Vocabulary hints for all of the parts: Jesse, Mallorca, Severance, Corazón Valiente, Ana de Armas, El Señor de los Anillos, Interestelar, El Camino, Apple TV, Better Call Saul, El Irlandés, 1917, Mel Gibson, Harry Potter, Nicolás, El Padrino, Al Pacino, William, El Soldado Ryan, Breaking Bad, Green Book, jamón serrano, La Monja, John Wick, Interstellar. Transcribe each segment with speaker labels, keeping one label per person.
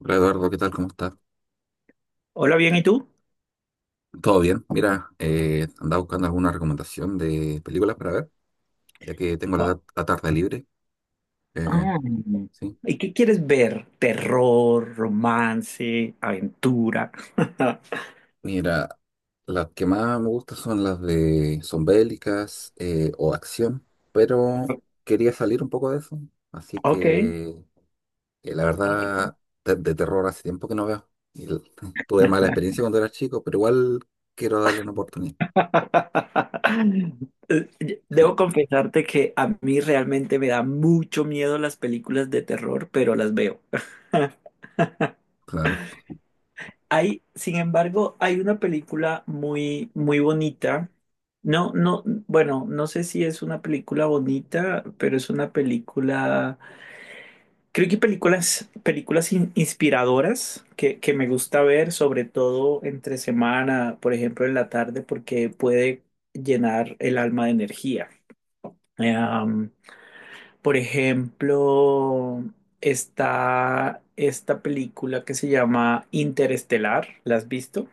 Speaker 1: Hola Eduardo, ¿qué tal? ¿Cómo estás?
Speaker 2: Hola, bien, ¿y tú?
Speaker 1: Todo bien. Mira, andaba buscando alguna recomendación de películas para ver, ya que tengo
Speaker 2: Gua-
Speaker 1: la tarde libre. Eh,
Speaker 2: Ah,
Speaker 1: sí.
Speaker 2: ¿Y qué quieres ver? Terror, romance, aventura.
Speaker 1: Mira, las que más me gustan son las de son bélicas o acción, pero quería salir un poco de eso, así
Speaker 2: Ok.
Speaker 1: que la
Speaker 2: Ok.
Speaker 1: verdad de terror hace tiempo que no veo. Y tuve mala experiencia cuando era chico, pero igual quiero darle una oportunidad.
Speaker 2: Debo confesarte que a mí realmente me da mucho miedo las películas de terror, pero las veo.
Speaker 1: Claro.
Speaker 2: Hay, sin embargo, hay una película muy, muy bonita. No, no, bueno, no sé si es una película bonita, pero es una película. Creo que películas, inspiradoras que me gusta ver, sobre todo entre semana, por ejemplo, en la tarde, porque puede llenar el alma de energía. Eh, um, por ejemplo, está esta película que se llama Interestelar. ¿La has visto?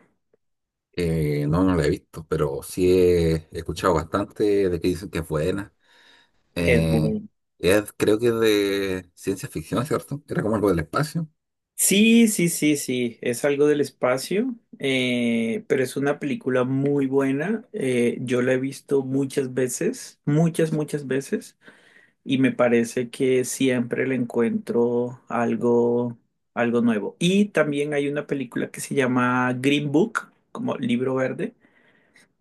Speaker 1: No, no la he visto, pero sí he escuchado bastante de que dicen que es buena.
Speaker 2: Es
Speaker 1: Eh,
Speaker 2: buena.
Speaker 1: creo que es de ciencia ficción, ¿cierto? Era como algo del espacio.
Speaker 2: Sí, sí, sí, sí, es algo del espacio, pero es una película muy buena. Yo la he visto muchas veces, muchas, muchas veces, y me parece que siempre le encuentro algo, algo nuevo. Y también hay una película que se llama Green Book, como libro verde,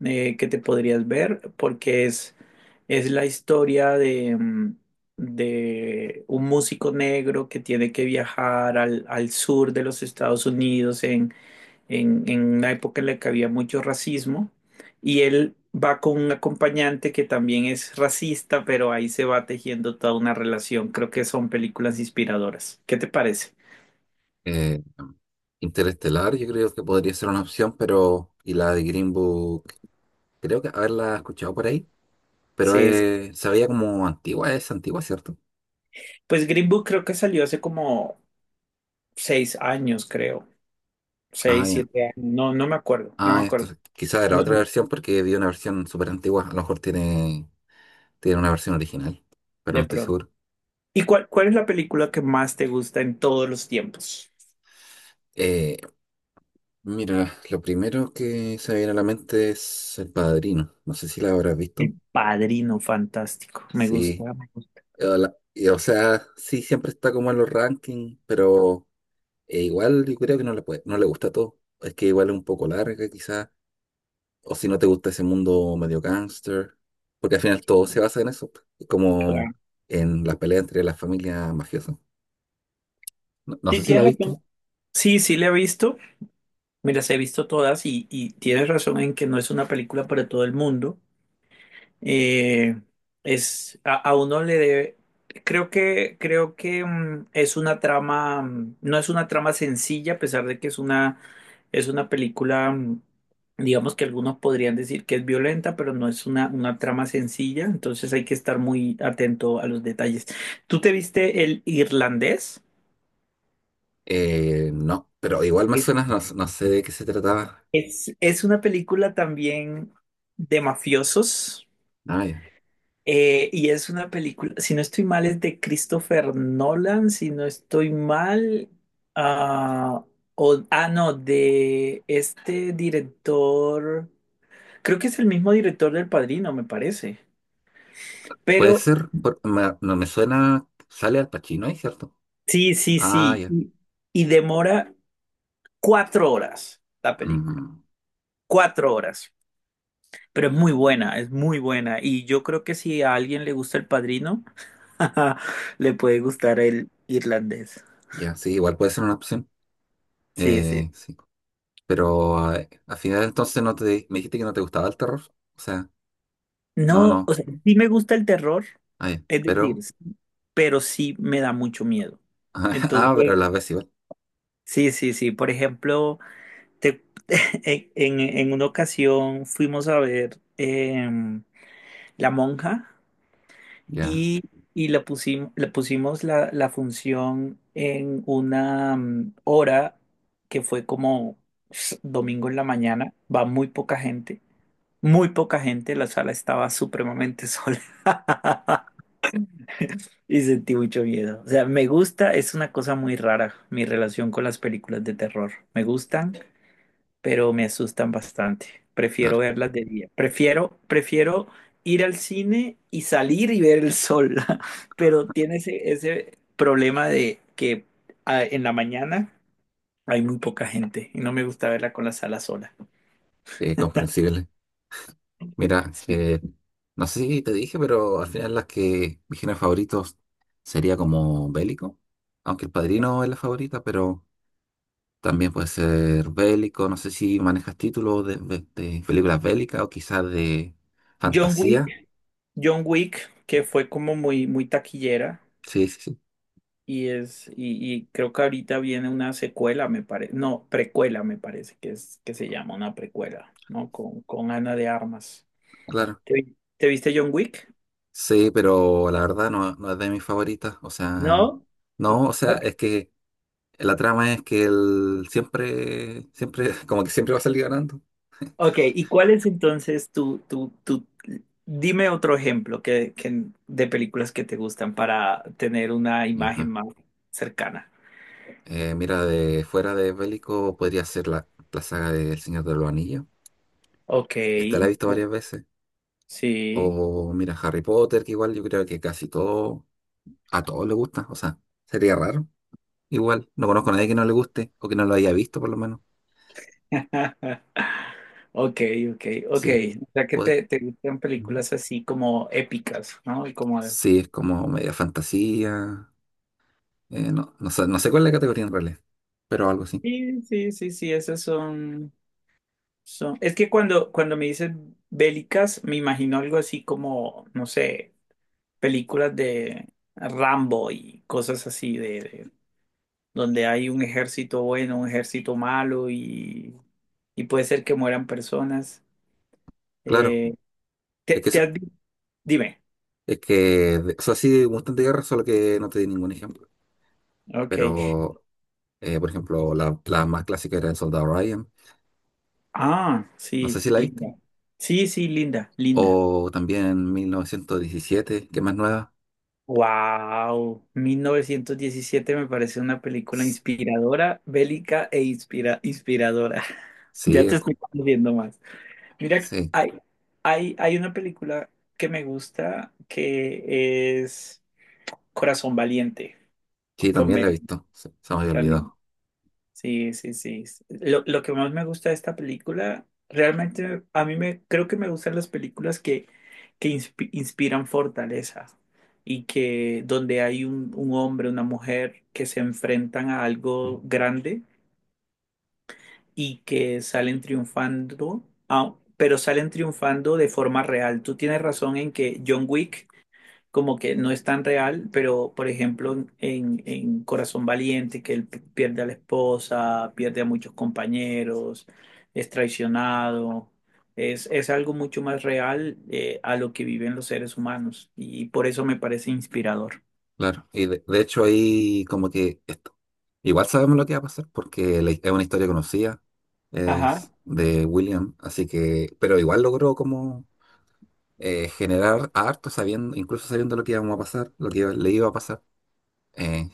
Speaker 2: que te podrías ver porque es la historia de, de un músico negro que tiene que viajar al sur de los Estados Unidos en, en una época en la que había mucho racismo y él va con un acompañante que también es racista, pero ahí se va tejiendo toda una relación. Creo que son películas inspiradoras. ¿Qué te parece?
Speaker 1: Eh, Interestelar, yo creo que podría ser una opción, pero. Y la de Green Book, creo que haberla escuchado por ahí, pero
Speaker 2: Sí, es-
Speaker 1: se veía como antigua, es antigua, ¿cierto?
Speaker 2: pues Green Book creo que salió hace como 6 años, creo.
Speaker 1: Ah,
Speaker 2: Seis,
Speaker 1: ya.
Speaker 2: 7 años. No, no me acuerdo, no me
Speaker 1: Ah, esto
Speaker 2: acuerdo.
Speaker 1: quizás era
Speaker 2: No,
Speaker 1: otra versión porque vi una versión súper antigua, a lo mejor tiene, tiene una versión original, pero no
Speaker 2: de
Speaker 1: estoy
Speaker 2: pronto.
Speaker 1: seguro.
Speaker 2: ¿Y cuál es la película que más te gusta en todos los tiempos?
Speaker 1: Eh, Mira, lo primero que se me viene a la mente es El Padrino. No sé si la habrás visto.
Speaker 2: El Padrino, fantástico. Me gusta
Speaker 1: Sí.
Speaker 2: mucho.
Speaker 1: O sea, sí, siempre está como en los rankings, pero igual yo creo que no le puede, no le gusta todo. Es que igual es un poco larga, quizás. O si no te gusta ese mundo medio gangster, porque al final todo se basa en eso, como en la pelea entre las familias mafiosas. No, no
Speaker 2: Sí,
Speaker 1: sé si la
Speaker 2: tienes
Speaker 1: viste.
Speaker 2: razón. Sí, sí, la he visto. Mira, las he visto todas y tienes razón en que no es una película para todo el mundo. Eh, es, a uno le debe, creo que es una trama, no es una trama sencilla, a pesar de que es una película, digamos que algunos podrían decir que es violenta, pero no es una trama sencilla, entonces hay que estar muy atento a los detalles. ¿Tú te viste El Irlandés?
Speaker 1: No, pero igual más
Speaker 2: Eh,
Speaker 1: o menos no, no sé de qué se trataba.
Speaker 2: Es una película también de mafiosos.
Speaker 1: Ah, ya.
Speaker 2: Y es una película, si no estoy mal, es de Christopher Nolan, si no estoy mal, ah, no, de este director, creo que es el mismo director del Padrino, me parece,
Speaker 1: Puede
Speaker 2: pero
Speaker 1: ser, no me suena, sale Al Pacino ahí, ¿cierto?
Speaker 2: sí, sí,
Speaker 1: Ah,
Speaker 2: sí,
Speaker 1: ya.
Speaker 2: y demora 4 horas la película,
Speaker 1: Mm,
Speaker 2: 4 horas, pero es muy buena, y yo creo que si a alguien le gusta el Padrino, le puede gustar el irlandés,
Speaker 1: ya, sí, igual puede ser una opción.
Speaker 2: sí, sí.
Speaker 1: Sí. Pero al final entonces no te, me dijiste que no te gustaba el terror. O sea, no,
Speaker 2: No, o
Speaker 1: no.
Speaker 2: sea, sí me gusta el terror,
Speaker 1: Ah, ya.
Speaker 2: es
Speaker 1: Pero,
Speaker 2: decir, sí, pero sí me da mucho miedo.
Speaker 1: ah, pero a
Speaker 2: Entonces,
Speaker 1: la vez igual.
Speaker 2: sí, sí, sí. Por ejemplo, te- en una ocasión fuimos a ver La Monja
Speaker 1: Ya,
Speaker 2: y, y la pusimos, le pusimos la función en una hora que fue como domingo en la mañana. Va muy poca gente, muy poca gente. La sala estaba supremamente sola. Y sentí mucho miedo. O sea, me gusta, es una cosa muy rara mi relación con las películas de terror. Me gustan, pero me asustan bastante. Prefiero
Speaker 1: claro.
Speaker 2: verlas de día. Prefiero, prefiero ir al cine y salir y ver el sol. Pero tiene ese, ese problema de que en la mañana hay muy poca gente y no me gusta verla con la sala sola.
Speaker 1: Comprensible. Mira,
Speaker 2: Sí.
Speaker 1: no sé si te dije, pero al final las que mis géneros favoritos sería como bélico. Aunque El Padrino es la favorita, pero... También puede ser bélico, no sé si manejas títulos de películas bélicas o quizás de
Speaker 2: John
Speaker 1: fantasía.
Speaker 2: Wick, John Wick, que fue como muy, muy taquillera.
Speaker 1: Sí, sí, sí,
Speaker 2: Y es, y creo que ahorita viene una secuela, me parece, no, precuela me parece que es que se llama una precuela, ¿no? Con Ana de Armas.
Speaker 1: claro.
Speaker 2: ¿Te, te viste John Wick?
Speaker 1: Sí, pero la verdad no, no es de mis favoritas. O sea,
Speaker 2: ¿No?
Speaker 1: no, o sea, es que la trama es que él siempre, siempre, como que siempre va a salir ganando.
Speaker 2: Ok, ¿y cuál es entonces tu, dime otro ejemplo de películas que te gustan para tener una imagen
Speaker 1: Ajá.
Speaker 2: más cercana.
Speaker 1: Mira, de fuera de bélico podría ser la saga de El Señor de los Anillos.
Speaker 2: Ok,
Speaker 1: Esta la he visto varias veces.
Speaker 2: sí.
Speaker 1: O mira, Harry Potter, que igual yo creo que casi todo a todos les gusta, o sea, sería raro. Igual, no conozco a nadie que no le guste o que no lo haya visto por lo menos.
Speaker 2: Ok, ok, ok.
Speaker 1: Así que
Speaker 2: O sea que
Speaker 1: puede.
Speaker 2: te gustan
Speaker 1: Mm.
Speaker 2: películas así como épicas, ¿no? Y como de-.
Speaker 1: Sí, es como media fantasía. No, no sé, no sé cuál es la categoría en realidad, pero algo así.
Speaker 2: Sí, sí, sí, sí, esas son, son... Es que cuando me dices bélicas, me imagino algo así como, no sé, películas de Rambo y cosas así de-, donde hay un ejército bueno, un ejército malo y puede ser que mueran personas.
Speaker 1: Claro,
Speaker 2: Eh,
Speaker 1: es
Speaker 2: te,
Speaker 1: que,
Speaker 2: te
Speaker 1: so-
Speaker 2: has vi- Dime.
Speaker 1: es que, de- o sea, sí, de Mustang de guerra, solo que no te di ningún ejemplo.
Speaker 2: Ok.
Speaker 1: Pero, por ejemplo, la más clásica era El Soldado Ryan,
Speaker 2: Ah,
Speaker 1: no sé
Speaker 2: sí,
Speaker 1: si la viste.
Speaker 2: linda. Sí, sí, linda, linda.
Speaker 1: O también 1917, que es más nueva.
Speaker 2: Wow, 1917 me parece una película
Speaker 1: S-
Speaker 2: inspiradora, bélica e inspiradora.
Speaker 1: Sí,
Speaker 2: Ya
Speaker 1: es
Speaker 2: te estoy
Speaker 1: co-
Speaker 2: conociendo más. Mira,
Speaker 1: sí.
Speaker 2: hay una película que me gusta que es Corazón Valiente,
Speaker 1: Sí,
Speaker 2: con
Speaker 1: también la he
Speaker 2: Megan
Speaker 1: visto. Se me había
Speaker 2: también.
Speaker 1: olvidado.
Speaker 2: Sí, sí, sí. Lo que más me gusta de esta película, realmente a mí me creo que me gustan las películas que inspiran fortaleza y que donde hay un hombre, una mujer que se enfrentan a algo grande y que salen triunfando, ah, pero salen triunfando de forma real. Tú tienes razón en que John Wick como que no es tan real, pero por ejemplo en Corazón Valiente, que él pierde a la esposa, pierde a muchos compañeros, es traicionado, es algo mucho más real a lo que viven los seres humanos y por eso me parece inspirador.
Speaker 1: Claro. Y de hecho ahí como que esto. Igual sabemos lo que va a pasar porque es una historia conocida.
Speaker 2: Ajá.
Speaker 1: Es de William. Así que, pero igual logró como generar harto sabiendo, incluso sabiendo lo que íbamos a pasar, lo que le iba a pasar. Eh,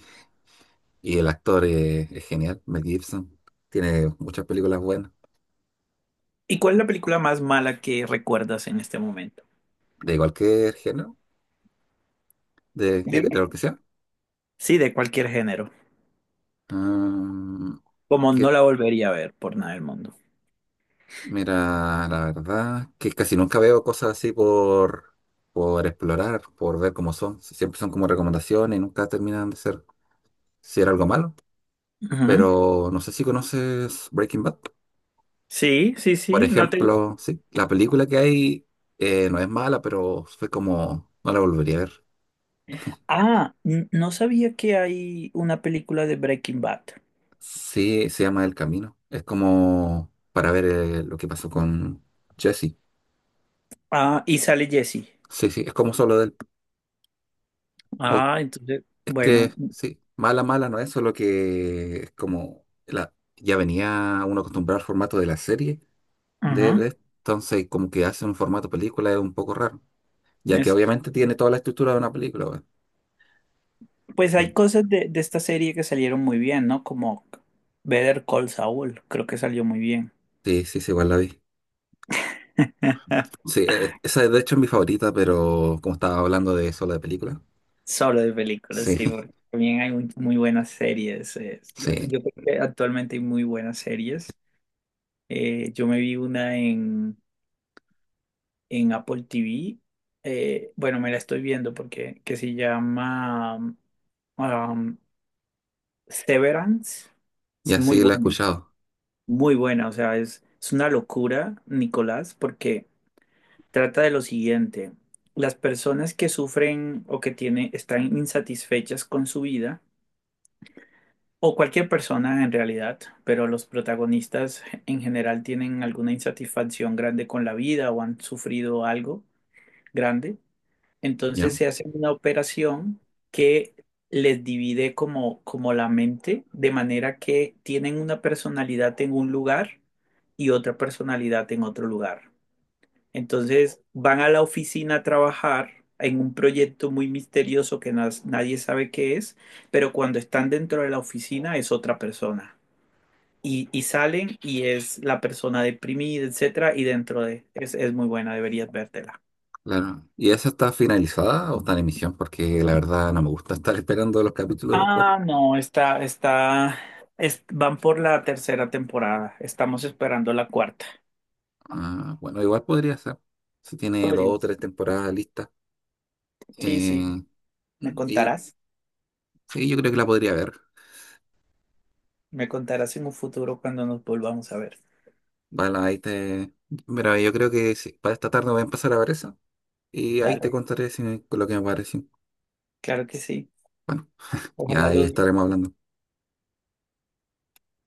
Speaker 1: y el actor es genial, Mel Gibson. Tiene muchas películas buenas.
Speaker 2: ¿Y cuál es la película más mala que recuerdas en este momento?
Speaker 1: De cualquier género, de
Speaker 2: Dime.
Speaker 1: lo que sea.
Speaker 2: Sí, de cualquier género.
Speaker 1: Mm,
Speaker 2: Como no
Speaker 1: que-
Speaker 2: la volvería a ver por nada del mundo.
Speaker 1: Mira, la verdad que casi nunca veo cosas así por explorar, por ver cómo son. Siempre son como recomendaciones y nunca terminan de ser si era algo malo.
Speaker 2: Ujú.
Speaker 1: Pero no sé si conoces Breaking Bad.
Speaker 2: Sí, sí,
Speaker 1: Por
Speaker 2: sí. No te.
Speaker 1: ejemplo, sí, la película que hay no es mala, pero fue como, no la volvería a ver.
Speaker 2: Ah, no sabía que hay una película de Breaking Bad.
Speaker 1: Sí, se llama El Camino. Es como para ver lo que pasó con Jesse.
Speaker 2: Ah, y sale Jesse.
Speaker 1: Sí, sí, es como solo de él. O
Speaker 2: Ah, entonces,
Speaker 1: Es que
Speaker 2: bueno,
Speaker 1: sí, mala, mala no es, solo que es como la, ya venía uno acostumbrado al formato de la serie,
Speaker 2: ajá.
Speaker 1: entonces como que hace un formato película es un poco raro, ya que
Speaker 2: Es,
Speaker 1: obviamente tiene toda la estructura de una película. Weón.
Speaker 2: pues
Speaker 1: Yo-
Speaker 2: hay cosas de esta serie que salieron muy bien, ¿no? Como Better Call Saul, creo que salió muy bien.
Speaker 1: Sí, sí, sí, igual la vi. Sí, esa de hecho es mi favorita, pero como estaba hablando de solo de película,
Speaker 2: Solo de películas,
Speaker 1: sí,
Speaker 2: sí, porque también hay muy, muy buenas series.
Speaker 1: sí,
Speaker 2: Yo creo que actualmente hay muy buenas series. Yo me vi una en Apple TV. Bueno, me la estoy viendo porque que se llama um, Severance.
Speaker 1: y
Speaker 2: Es muy
Speaker 1: así la he
Speaker 2: buena,
Speaker 1: escuchado,
Speaker 2: muy buena. O sea, es una locura, Nicolás, porque trata de lo siguiente. Las personas que sufren o que tienen, están insatisfechas con su vida, o cualquier persona en realidad, pero los protagonistas en general tienen alguna insatisfacción grande con la vida o han sufrido algo grande. Entonces
Speaker 1: ¿ya?
Speaker 2: se hace una operación que les divide como, como la mente, de manera que tienen una personalidad en un lugar y otra personalidad en otro lugar. Entonces van a la oficina a trabajar en un proyecto muy misterioso que nadie sabe qué es, pero cuando están dentro de la oficina es otra persona. Y salen y es la persona deprimida, etcétera, y dentro de... es muy buena, deberías vértela.
Speaker 1: Claro. ¿Y esa está finalizada o está en emisión? Porque la verdad no me gusta estar esperando los capítulos después.
Speaker 2: Ah, no, está, está, es- van por la tercera temporada. Estamos esperando la cuarta.
Speaker 1: Ah, bueno, igual podría ser. Si tiene dos
Speaker 2: Podría.
Speaker 1: o tres temporadas listas.
Speaker 2: Sí, sí,
Speaker 1: Eh,
Speaker 2: me
Speaker 1: y,
Speaker 2: contarás.
Speaker 1: sí, yo creo que la podría ver.
Speaker 2: Me contarás en un futuro cuando nos volvamos a ver.
Speaker 1: Vale, ahí te... Mira, yo creo que sí, para esta tarde voy a empezar a ver eso. Y ahí te
Speaker 2: Dale,
Speaker 1: contaré si me- lo que me pareció.
Speaker 2: claro que sí.
Speaker 1: Y
Speaker 2: Ojalá
Speaker 1: ahí
Speaker 2: lo
Speaker 1: estaremos hablando.